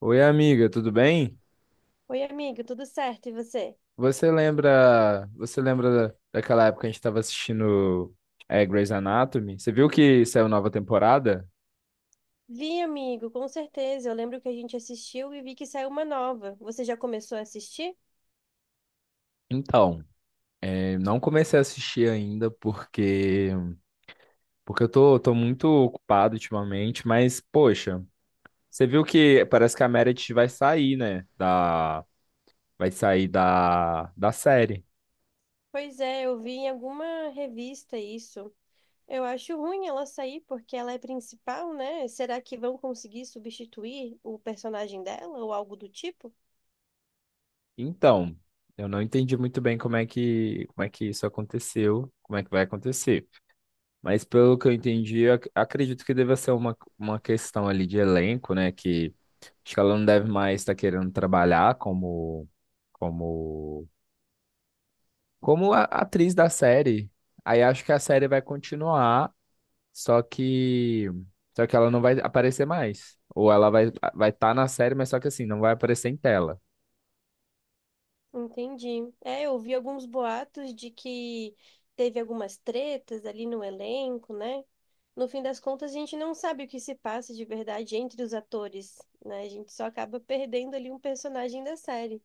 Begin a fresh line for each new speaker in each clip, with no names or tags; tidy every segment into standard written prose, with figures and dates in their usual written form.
Oi, amiga, tudo bem?
Oi, amigo, tudo certo? E você?
Você lembra daquela época que a gente estava assistindo Grey's Anatomy? Você viu que saiu nova temporada?
Vi, amigo, com certeza. Eu lembro que a gente assistiu e vi que saiu uma nova. Você já começou a assistir?
Então, eu não comecei a assistir ainda porque eu tô muito ocupado ultimamente, mas poxa, você viu que parece que a Meredith vai sair, né? Vai sair da série.
Pois é, eu vi em alguma revista isso. Eu acho ruim ela sair porque ela é principal, né? Será que vão conseguir substituir o personagem dela ou algo do tipo?
Então, eu não entendi muito bem como é que isso aconteceu, como é que vai acontecer. Mas pelo que eu entendi, acredito que deva ser uma questão ali de elenco, né? Que acho que ela não deve mais estar querendo trabalhar como, como a atriz da série. Aí acho que a série vai continuar, só que, só que ela não vai aparecer mais. Ou ela vai estar na série, mas só que assim, não vai aparecer em tela.
Entendi. É, eu vi alguns boatos de que teve algumas tretas ali no elenco, né? No fim das contas, a gente não sabe o que se passa de verdade entre os atores, né? A gente só acaba perdendo ali um personagem da série.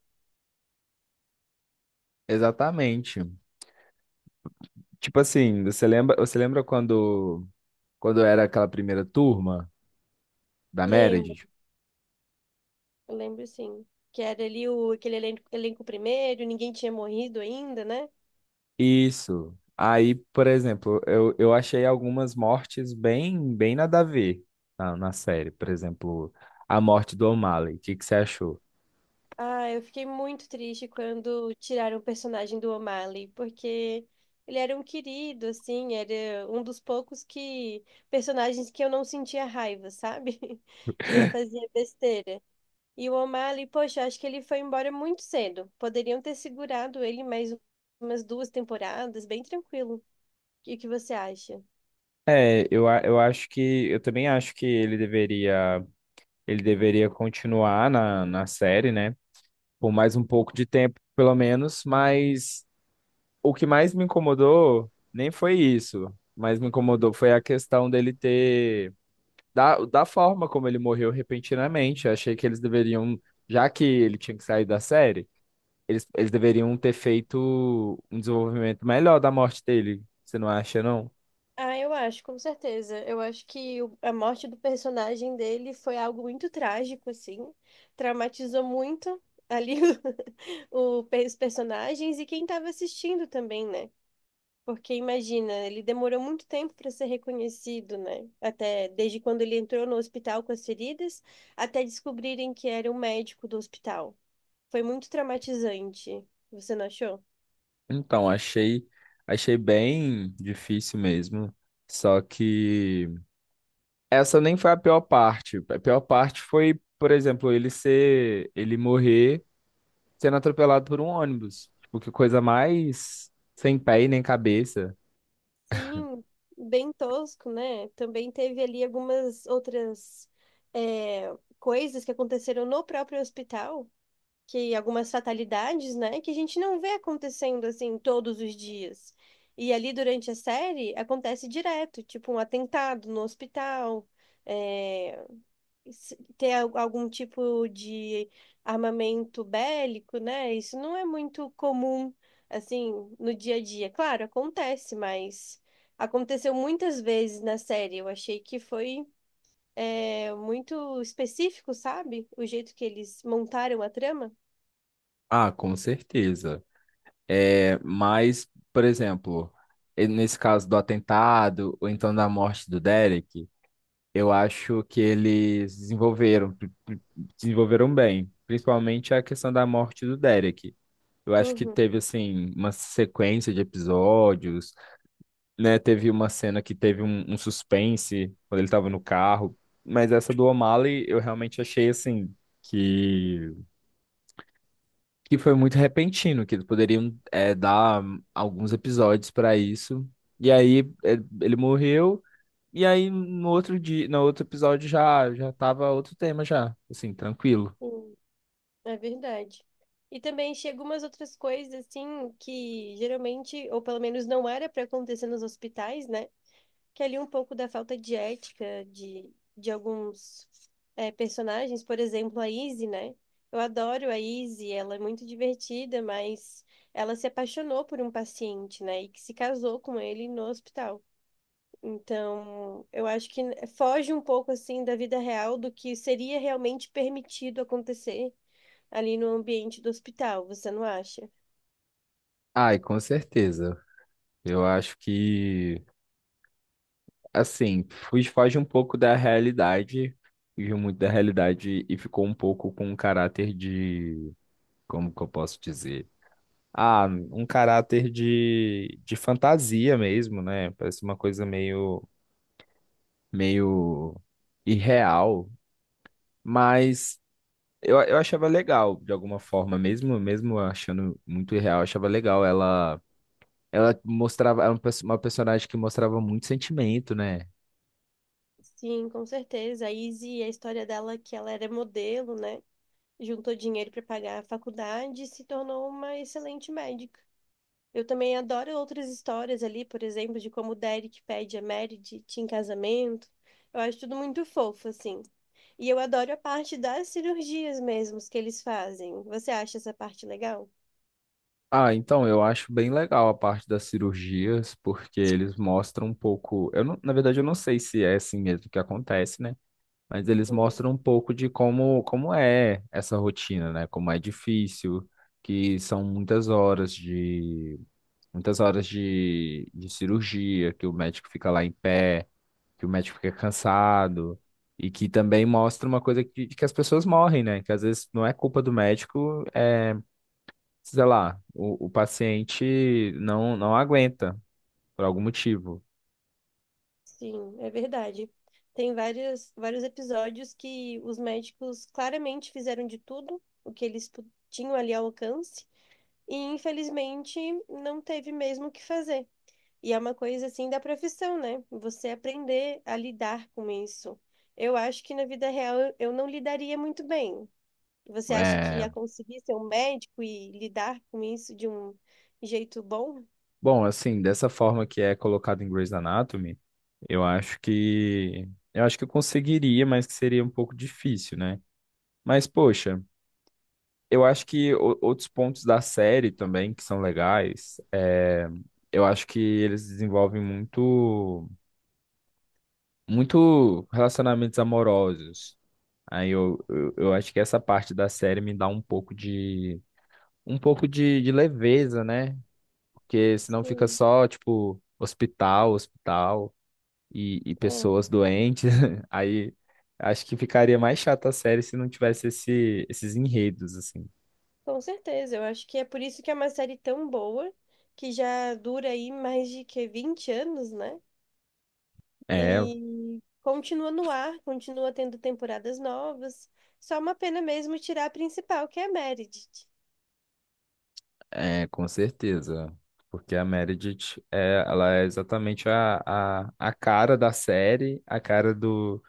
Exatamente. Tipo assim, quando era aquela primeira turma da
Lembro,
Meredith?
eu lembro sim. Que era ali o, aquele elenco, elenco primeiro, ninguém tinha morrido ainda, né?
Isso. Aí, por exemplo, eu achei algumas mortes bem nada a ver na série. Por exemplo, a morte do O'Malley. O que que você achou?
Ah, eu fiquei muito triste quando tiraram o personagem do O'Malley, porque ele era um querido, assim, era um dos poucos que personagens que eu não sentia raiva, sabe? Que não fazia besteira. E o O'Malley, poxa, eu acho que ele foi embora muito cedo. Poderiam ter segurado ele mais umas duas temporadas, bem tranquilo. O que que você acha?
Eu acho que eu também acho que ele deveria continuar na série, né? Por mais um pouco de tempo, pelo menos, mas o que mais me incomodou nem foi isso, mas me incomodou foi a questão dele ter da forma como ele morreu repentinamente. Eu achei que eles deveriam, já que ele tinha que sair da série, eles deveriam ter feito um desenvolvimento melhor da morte dele. Você não acha, não?
Ah, eu acho, com certeza. Eu acho que a morte do personagem dele foi algo muito trágico, assim. Traumatizou muito ali os personagens e quem estava assistindo também, né? Porque imagina, ele demorou muito tempo para ser reconhecido, né? Até desde quando ele entrou no hospital com as feridas, até descobrirem que era o médico do hospital. Foi muito traumatizante. Você não achou?
Então, achei bem difícil mesmo. Só que essa nem foi a pior parte. A pior parte foi, por exemplo, ele morrer sendo atropelado por um ônibus. Tipo, que coisa mais sem pé e nem cabeça.
Sim, bem tosco, né? Também teve ali algumas outras coisas que aconteceram no próprio hospital, que algumas fatalidades, né? Que a gente não vê acontecendo assim todos os dias. E ali durante a série acontece direto, tipo um atentado no hospital, eh, se- ter al- algum tipo de armamento bélico, né? Isso não é muito comum, assim, no dia a dia. Claro, acontece, mas aconteceu muitas vezes na série. Eu achei que foi, é, muito específico, sabe? O jeito que eles montaram a trama.
Ah, com certeza. É, mas, por exemplo, nesse caso do atentado, ou então da morte do Derek, eu acho que eles desenvolveram bem, principalmente a questão da morte do Derek. Eu acho que
Uhum,
teve, assim, uma sequência de episódios, né? Teve uma cena que teve um suspense quando ele estava no carro, mas essa do O'Malley eu realmente achei, assim, que que foi muito repentino, que eles poderiam dar alguns episódios para isso. E ele morreu, e aí no outro dia, no outro episódio já tava outro tema já, assim, tranquilo.
sim, é verdade. E também chega umas outras coisas, assim, que geralmente, ou pelo menos não era para acontecer nos hospitais, né? Que ali um pouco da falta de ética de alguns personagens, por exemplo, a Izzy, né? Eu adoro a Izzy, ela é muito divertida, mas ela se apaixonou por um paciente, né? E que se casou com ele no hospital. Então, eu acho que foge um pouco assim da vida real do que seria realmente permitido acontecer ali no ambiente do hospital, você não acha?
Ai, com certeza. Eu acho que assim, fuge foge um pouco da realidade, fugiu muito da realidade e ficou um pouco com um caráter de, como que eu posso dizer? Ah, um caráter de fantasia mesmo, né? Parece uma coisa meio irreal, mas eu achava legal de alguma forma, mesmo achando muito irreal, eu achava legal. Ela mostrava era uma uma personagem que mostrava muito sentimento, né?
Sim, com certeza. A Izzy, a história dela é que ela era modelo, né? Juntou dinheiro para pagar a faculdade e se tornou uma excelente médica. Eu também adoro outras histórias ali, por exemplo, de como o Derek pede a Mary em casamento. Eu acho tudo muito fofo, assim. E eu adoro a parte das cirurgias mesmo que eles fazem. Você acha essa parte legal?
Ah, então eu acho bem legal a parte das cirurgias, porque eles mostram um pouco. Eu não, na verdade, eu não sei se é assim mesmo que acontece, né? Mas eles
Uhum.
mostram um pouco de como é essa rotina, né? Como é difícil, que são muitas horas de cirurgia, que o médico fica lá em pé, que o médico fica cansado, e que também mostra uma coisa que as pessoas morrem, né? Que às vezes não é culpa do médico, sei lá, o paciente não aguenta por algum motivo.
Sim, é verdade. Tem vários, vários episódios que os médicos claramente fizeram de tudo o que eles tinham ali ao alcance e infelizmente não teve mesmo o que fazer. E é uma coisa assim da profissão, né? Você aprender a lidar com isso. Eu acho que na vida real eu não lidaria muito bem. Você acha que
É,
ia conseguir ser um médico e lidar com isso de um jeito bom?
bom, assim, dessa forma que é colocado em Grey's Anatomy, eu acho que eu acho que eu conseguiria, mas que seria um pouco difícil, né? Mas, poxa. Eu acho que outros pontos da série também que são legais, eu acho que eles desenvolvem muito relacionamentos amorosos. Aí eu acho que essa parte da série me dá um pouco de leveza, né? Porque senão fica
Sim,
só, tipo, hospital e
é,
pessoas doentes. Aí acho que ficaria mais chata a série se não tivesse esses enredos, assim.
com certeza. Eu acho que é por isso que é uma série tão boa, que já dura aí mais de que 20 anos, né?
É,
E continua no ar, continua tendo temporadas novas. Só uma pena mesmo tirar a principal, que é a Meredith.
É, com certeza. Porque a Meredith, é, ela é exatamente a cara da série, a cara do,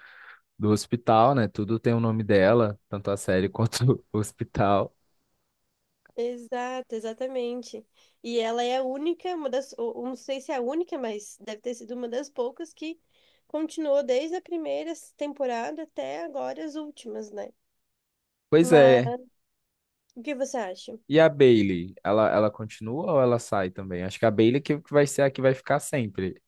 do hospital, né? Tudo tem o nome dela, tanto a série quanto o hospital.
Exato, exatamente. E ela é a única, uma das, ou não sei se é a única, mas deve ter sido uma das poucas que continuou desde a primeira temporada até agora as últimas, né?
Pois é.
Mas o que você acha?
E a Bailey, ela continua ou ela sai também? Acho que a Bailey que vai ser a que vai ficar sempre.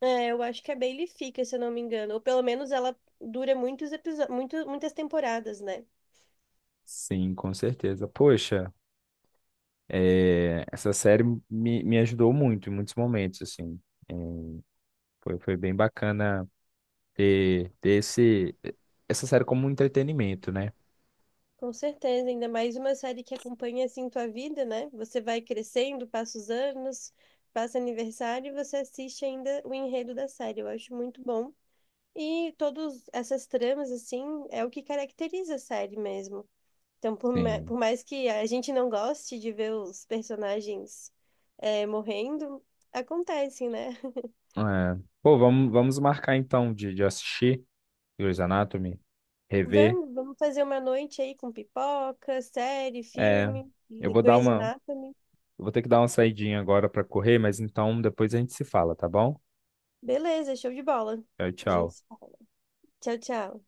É, eu acho que a Bailey fica, se eu não me engano, ou pelo menos ela dura muitos episódios, muito, muitas temporadas, né?
Sim, com certeza. Poxa, essa série me ajudou muito em muitos momentos, assim. É, Foi bem bacana ter essa série como um entretenimento, né?
Com certeza, ainda mais uma série que acompanha assim tua vida, né? Você vai crescendo, passa os anos, passa aniversário e você assiste ainda o enredo da série. Eu acho muito bom. E todas essas tramas, assim, é o que caracteriza a série mesmo. Então,
Sim.
por mais que a gente não goste de ver os personagens morrendo, acontecem, né?
É. Pô, vamos marcar então de assistir Grey's Anatomy, rever.
Vamos, vamos fazer uma noite aí com pipoca, série,
É,
filme,
eu
The
vou dar
Grey's
uma,
Anatomy.
eu vou ter que dar uma saidinha agora para correr, mas então depois a gente se fala, tá bom?
Beleza, show de bola.
Tchau,
A gente
tchau.
se fala. Tchau, tchau.